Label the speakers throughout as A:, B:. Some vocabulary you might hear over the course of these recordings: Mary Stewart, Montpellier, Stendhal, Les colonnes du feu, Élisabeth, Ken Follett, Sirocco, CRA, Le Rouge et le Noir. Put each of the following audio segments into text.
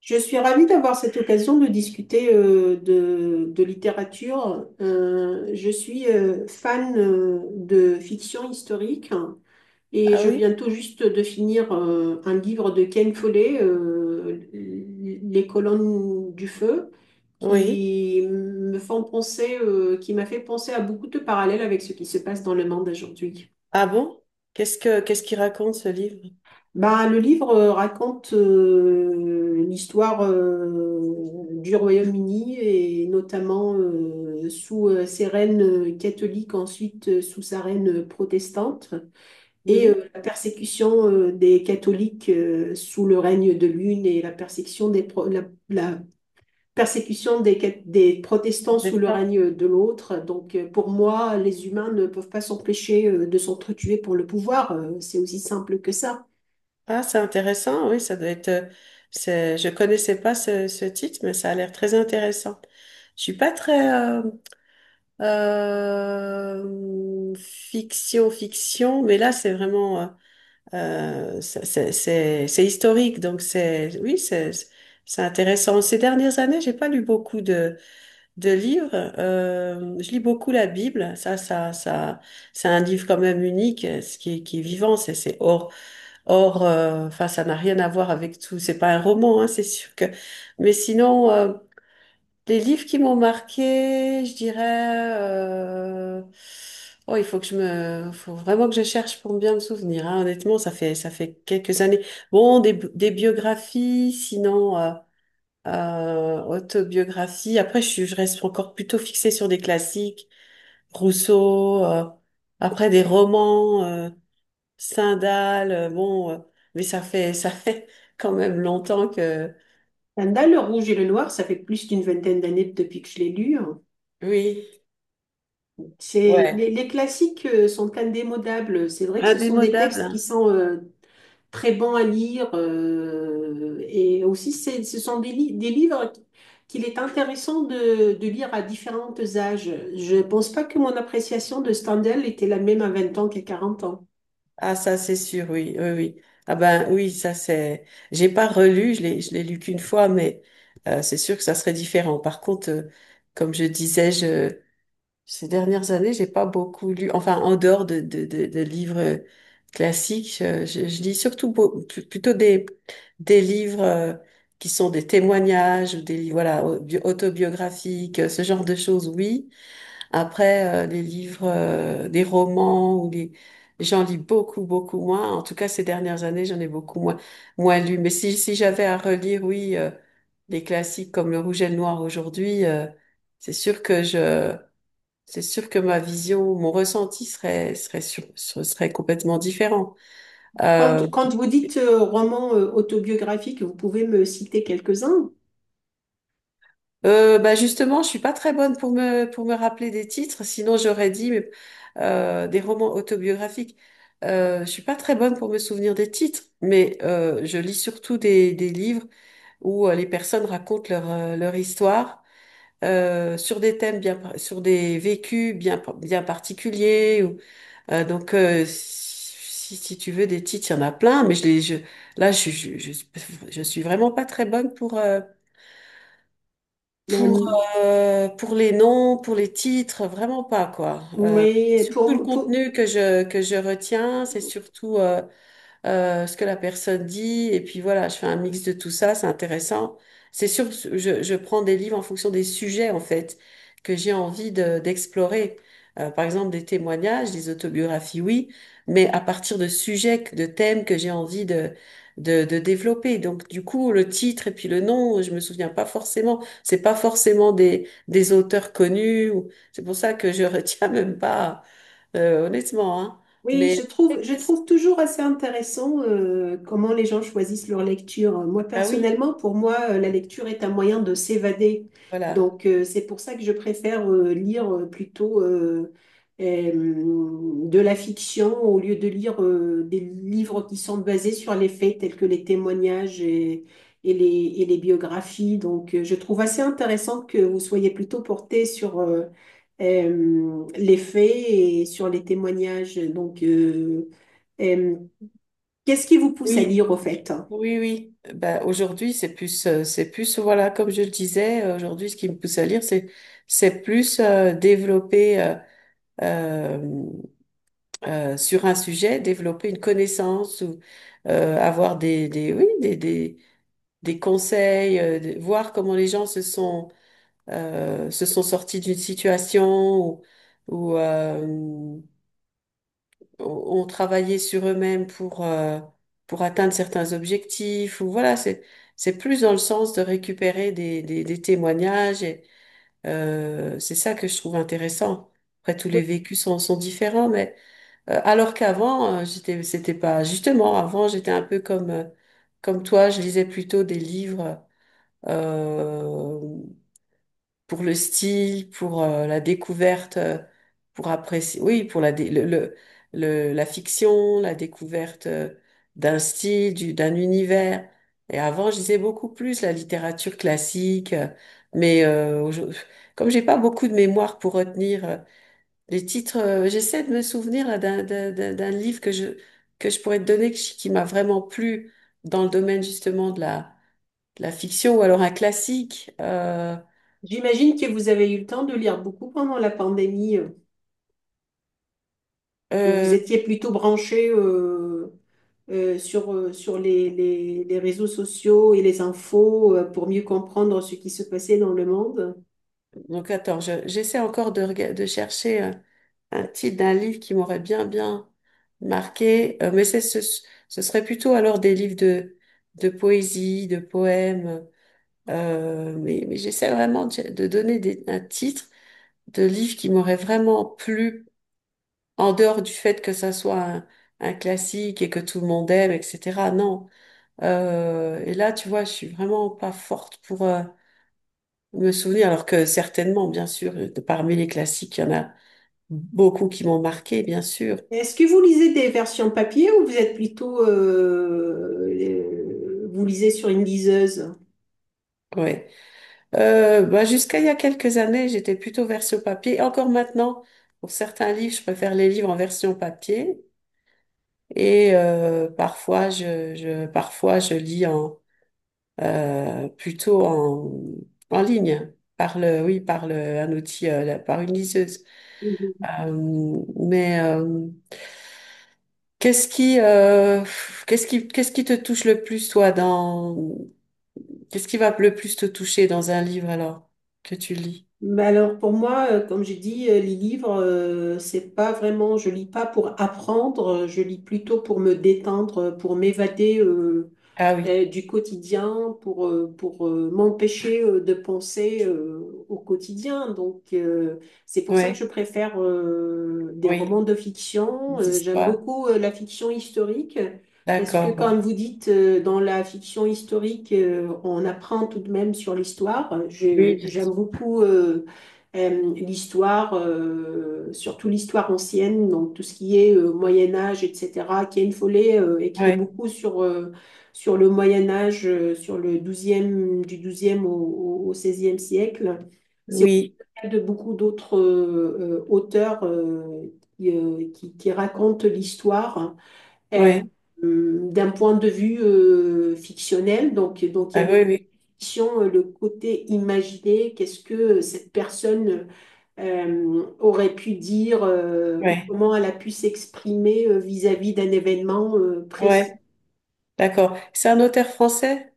A: Je suis ravie d'avoir cette occasion de discuter de littérature. Je suis fan de fiction historique et
B: Ah
A: je
B: oui?
A: viens tout juste de finir un livre de Ken Follett, Les colonnes du feu,
B: Oui.
A: qui m'a fait penser à beaucoup de parallèles avec ce qui se passe dans le monde aujourd'hui.
B: Ah bon? Qu'est-ce qu'il raconte ce livre?
A: Bah, le livre raconte l'histoire du Royaume-Uni et notamment sous ses reines catholiques, ensuite sous sa reine protestante, et
B: Oui,
A: la persécution des catholiques sous le règne de l'une et la persécution des, pro- la persécution des, cat- des protestants sous
B: c'est
A: le
B: ça.
A: règne de l'autre. Donc pour moi, les humains ne peuvent pas s'empêcher de s'entretuer pour le pouvoir. C'est aussi simple que ça.
B: Ah, c'est intéressant, oui, ça doit être. Je connaissais pas ce titre, mais ça a l'air très intéressant. Je suis pas très fiction, fiction, mais là c'est vraiment c'est historique, donc c'est oui, c'est intéressant. Ces dernières années, j'ai pas lu beaucoup de livres. Je lis beaucoup la Bible. Ça, c'est un livre quand même unique, ce qui est vivant. C'est hors. Enfin, ça n'a rien à voir avec tout. C'est pas un roman, hein, c'est sûr que. Mais sinon, les livres qui m'ont marqué, je dirais. Oh, il faut que faut vraiment que je cherche pour bien me souvenir. Hein. Honnêtement, ça fait quelques années. Bon, des biographies, sinon. Autobiographie. Après, je reste encore plutôt fixée sur des classiques, Rousseau, après des romans, Stendhal, bon, mais ça fait, ça fait quand même longtemps que,
A: Stendhal, Le Rouge et le Noir, ça fait plus d'une vingtaine d'années depuis que je l'ai lu, hein.
B: oui,
A: C'est,
B: ouais,
A: les, les classiques sont indémodables. C'est vrai que ce sont des
B: indémodable.
A: textes qui
B: Hein.
A: sont très bons à lire. Et aussi, ce sont des livres qu'il est intéressant de lire à différents âges. Je ne pense pas que mon appréciation de Stendhal était la même à 20 ans qu'à 40 ans.
B: Ah, ça, c'est sûr, oui, oui, oui. Ah ben, oui, ça, c'est, j'ai pas relu, je l'ai lu qu'une fois, mais c'est sûr que ça serait différent. Par contre, comme je disais, je ces dernières années, j'ai pas beaucoup lu, enfin, en dehors de livres classiques, je lis surtout plutôt des livres qui sont des témoignages ou des livres, voilà, autobiographiques, ce genre de choses, oui. Après, les livres, des romans ou les, j'en lis beaucoup, beaucoup moins. En tout cas, ces dernières années, j'en ai beaucoup moins lu. Mais si j'avais à relire, oui, des classiques comme Le Rouge et le Noir aujourd'hui, c'est sûr que je c'est sûr que ma vision, mon ressenti ce serait complètement différent.
A: Quand,
B: Euh,
A: quand vous dites roman autobiographique, vous pouvez me citer quelques-uns.
B: Bah justement, je suis pas très bonne pour me rappeler des titres, sinon j'aurais dit, mais des romans autobiographiques. Je suis pas très bonne pour me souvenir des titres, mais je lis surtout des livres où les personnes racontent leur histoire sur des thèmes sur des vécus bien particuliers. Donc, si, si tu veux des titres, il y en a plein, mais là, je suis vraiment pas très bonne pour,
A: Mais,
B: pour les noms, pour les titres, vraiment pas, quoi.
A: mais
B: Surtout le
A: pour, pour-
B: contenu que je retiens, c'est surtout, ce que la personne dit, et puis voilà, je fais un mix de tout ça, c'est intéressant. C'est sûr, je prends des livres en fonction des sujets, en fait, que j'ai envie d'explorer. Par exemple, des témoignages, des autobiographies, oui, mais à partir de sujets, de thèmes que j'ai envie de développer. Donc, du coup, le titre et puis le nom, je me souviens pas forcément. C'est pas forcément des auteurs connus. C'est pour ça que je retiens même pas, honnêtement, hein.
A: Oui,
B: Mais
A: je trouve, je
B: qu'est-ce-
A: trouve toujours assez intéressant comment les gens choisissent leur lecture. Moi,
B: bah oui.
A: personnellement, pour moi, la lecture est un moyen de s'évader.
B: Voilà.
A: Donc, c'est pour ça que je préfère lire plutôt euh, de la fiction au lieu de lire des livres qui sont basés sur les faits tels que les témoignages et les, et les biographies. Donc, je trouve assez intéressant que vous soyez plutôt porté sur les faits et sur les témoignages. Donc, euh, qu'est-ce qui vous pousse à
B: Oui,
A: lire au fait?
B: oui, oui. Ben, aujourd'hui, c'est plus, voilà, comme je le disais, aujourd'hui, ce qui me pousse à lire, c'est, plus développer euh, sur un sujet, développer une connaissance ou avoir des, oui, des conseils, voir comment les gens se sont sortis d'une situation ou, ou, ont ont travaillé sur eux-mêmes pour atteindre certains objectifs, ou voilà, c'est plus dans le sens de récupérer des témoignages, et c'est ça que je trouve intéressant. Après, tous les
A: Donc,
B: vécus sont différents, mais alors qu'avant, j'étais, c'était pas, justement, avant, j'étais un peu comme, comme toi, je lisais plutôt des livres. euh, pour le style, pour la découverte, pour apprécier, oui, la fiction, la découverte d'un style, d'un univers. Et avant, je lisais beaucoup plus la littérature classique, mais comme j'ai pas beaucoup de mémoire pour retenir les titres, j'essaie de me souvenir là, d'un livre que je pourrais te donner qui m'a vraiment plu dans le domaine justement de la fiction ou alors un classique.
A: j'imagine que vous avez eu le temps de lire beaucoup pendant la pandémie, où
B: Euh,
A: vous étiez plutôt branché sur les réseaux sociaux et les infos pour mieux comprendre ce qui se passait dans le monde.
B: Donc attends, j'essaie encore de chercher un titre d'un livre qui m'aurait bien bien marqué. Mais ce serait plutôt alors des livres de poésie, de poèmes. Mais j'essaie vraiment de donner un titre de livre qui m'aurait vraiment plu en dehors du fait que ça soit un classique et que tout le monde aime, etc. Non. Et là, tu vois, je suis vraiment pas forte pour me souvenir, alors que certainement, bien sûr, parmi les classiques, il y en a beaucoup qui m'ont marqué, bien sûr.
A: Est-ce que vous lisez des versions papier ou vous êtes plutôt, vous lisez sur une liseuse?
B: Ouais. Bah, jusqu'à il y a quelques années, j'étais plutôt version papier. Encore maintenant, pour certains livres, je préfère les livres en version papier. Et parfois, parfois, je lis plutôt en ligne, oui, un outil, par une liseuse.
A: Mhm.
B: Mais qu'est-ce qui, euh, qu'est-ce qui te touche le plus, toi, dans qu'est-ce qui va le plus te toucher dans un livre alors que tu lis?
A: Mais alors pour moi, comme j'ai dit, les livres, c'est pas vraiment, je lis pas pour apprendre, je lis plutôt pour me détendre, pour m'évader
B: Ah oui,
A: du quotidien pour m'empêcher de penser au quotidien. Donc, c'est pour ça que je
B: oui,
A: préfère des
B: oui,
A: romans de fiction.
B: les
A: J'aime
B: histoires.
A: beaucoup la fiction historique parce que,
B: D'accord. Ouais.
A: comme vous dites, dans la fiction historique, on apprend tout de même sur l'histoire.
B: Oui, bien
A: J'aime
B: sûr.
A: beaucoup l'histoire, surtout l'histoire ancienne, donc tout ce qui est Moyen Âge, etc. Ken Follet écrit
B: Ouais,
A: beaucoup sur le Moyen Âge, sur le 12 du 12 au 16 siècle. C'est au
B: oui,
A: cas de beaucoup d'autres auteurs qui racontent l'histoire euh,
B: oui,
A: d'un point de vue fictionnel. Donc, il y a
B: ah oui,
A: le
B: oui,
A: fiction, le côté imaginé, qu'est-ce que cette personne aurait pu dire ou
B: oui.
A: comment elle a pu s'exprimer vis-à-vis d'un événement précis.
B: Ouais, d'accord. C'est un auteur français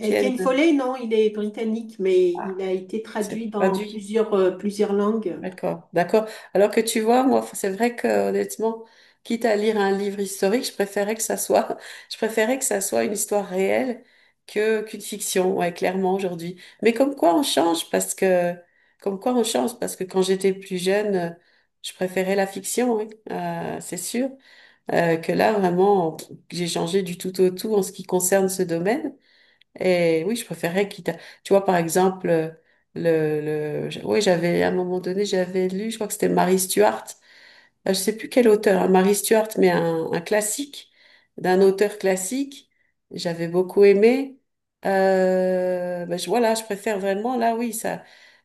B: aide.
A: Ken Follet, non, il est britannique, mais il
B: Ah,
A: a été traduit
B: c'est
A: dans
B: traduit.
A: plusieurs langues.
B: D'accord, d'accord. Alors que tu vois, moi, c'est vrai que honnêtement, quitte à lire un livre historique, je préférais que ça soit, je préférais que ça soit une histoire réelle que qu'une fiction, ouais, clairement aujourd'hui. Mais comme quoi on change, parce que, comme quoi on change, parce que quand j'étais plus jeune, je préférais la fiction, oui, c'est sûr, que là vraiment, j'ai changé du tout au tout en ce qui concerne ce domaine. Et oui, je préférais quitte à... Tu vois, par exemple, le, oui, j'avais, à un moment donné, j'avais lu, je crois que c'était Mary Stuart. Je sais plus quel auteur, hein, Mary Stuart, mais un classique, d'un auteur classique. J'avais beaucoup aimé. Ben, voilà, je préfère vraiment, là, oui, ça,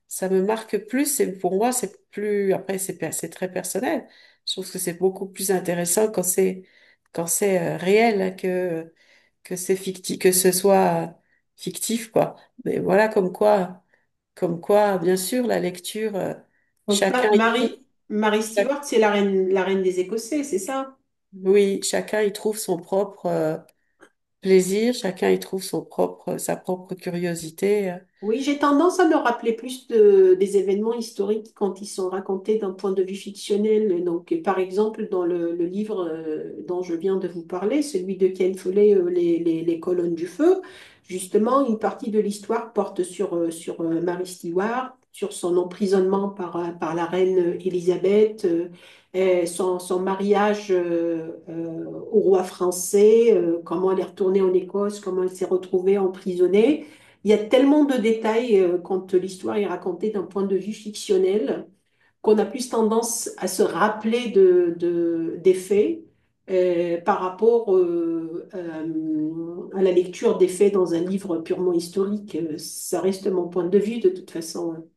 B: ça me marque plus. Et pour moi, c'est plus... Après, c'est très personnel. Je trouve que c'est beaucoup plus intéressant quand c'est réel hein, que c'est fictif, que ce soit fictif, quoi. Mais voilà, comme quoi, bien sûr, la lecture,
A: Donc,
B: chacun y trouve,
A: Marie
B: chac-
A: Stewart, c'est la reine des Écossais, c'est ça?
B: oui, chacun y trouve son propre plaisir, chacun y trouve son propre, sa propre curiosité.
A: Oui, j'ai tendance à me rappeler plus des événements historiques quand ils sont racontés d'un point de vue fictionnel. Donc, par exemple, dans le livre dont je viens de vous parler, celui de Ken Follett, les colonnes du feu, justement, une partie de l'histoire porte sur Mary Stewart, sur son emprisonnement par la reine Élisabeth, et son mariage au roi français, comment elle est retournée en Écosse, comment elle s'est retrouvée emprisonnée. Il y a tellement de détails quand l'histoire est racontée d'un point de vue fictionnel qu'on a plus tendance à se rappeler des faits par rapport à la lecture des faits dans un livre purement historique. Ça reste mon point de vue de toute façon.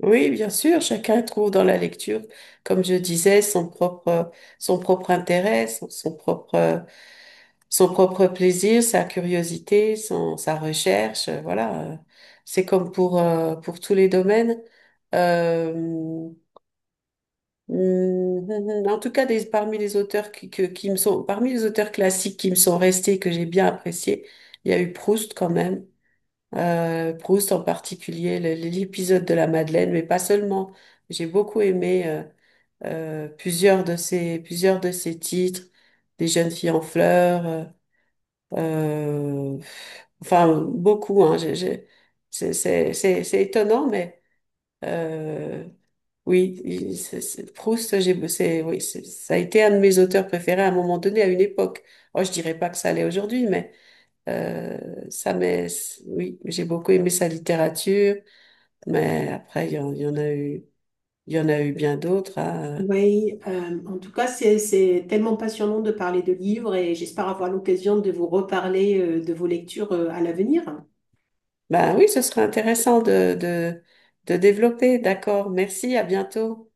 B: Oui, bien sûr, chacun trouve dans la lecture, comme je disais, son propre intérêt, son propre plaisir, sa curiosité, son, sa recherche, voilà. C'est comme pour tous les domaines. Euh, en tout cas, parmi les auteurs qui me sont, parmi les auteurs classiques qui me sont restés, que j'ai bien appréciés, il y a eu Proust quand même. Proust en particulier, l'épisode de la Madeleine, mais pas seulement. J'ai beaucoup aimé plusieurs de ses titres, Des jeunes filles en fleurs. Euh, enfin, beaucoup, hein. C'est étonnant, mais euh, oui, Proust, oui, ça a été un de mes auteurs préférés à un moment donné, à une époque. Oh, je dirais pas que ça l'est aujourd'hui, mais euh, ça m'est, oui, j'ai beaucoup aimé sa littérature, mais après, il y en a eu bien d'autres. Hein.
A: Oui, en tout cas, c'est tellement passionnant de parler de livres et j'espère avoir l'occasion de vous reparler de vos lectures à l'avenir.
B: Ben oui, ce serait intéressant de développer. D'accord, merci, à bientôt.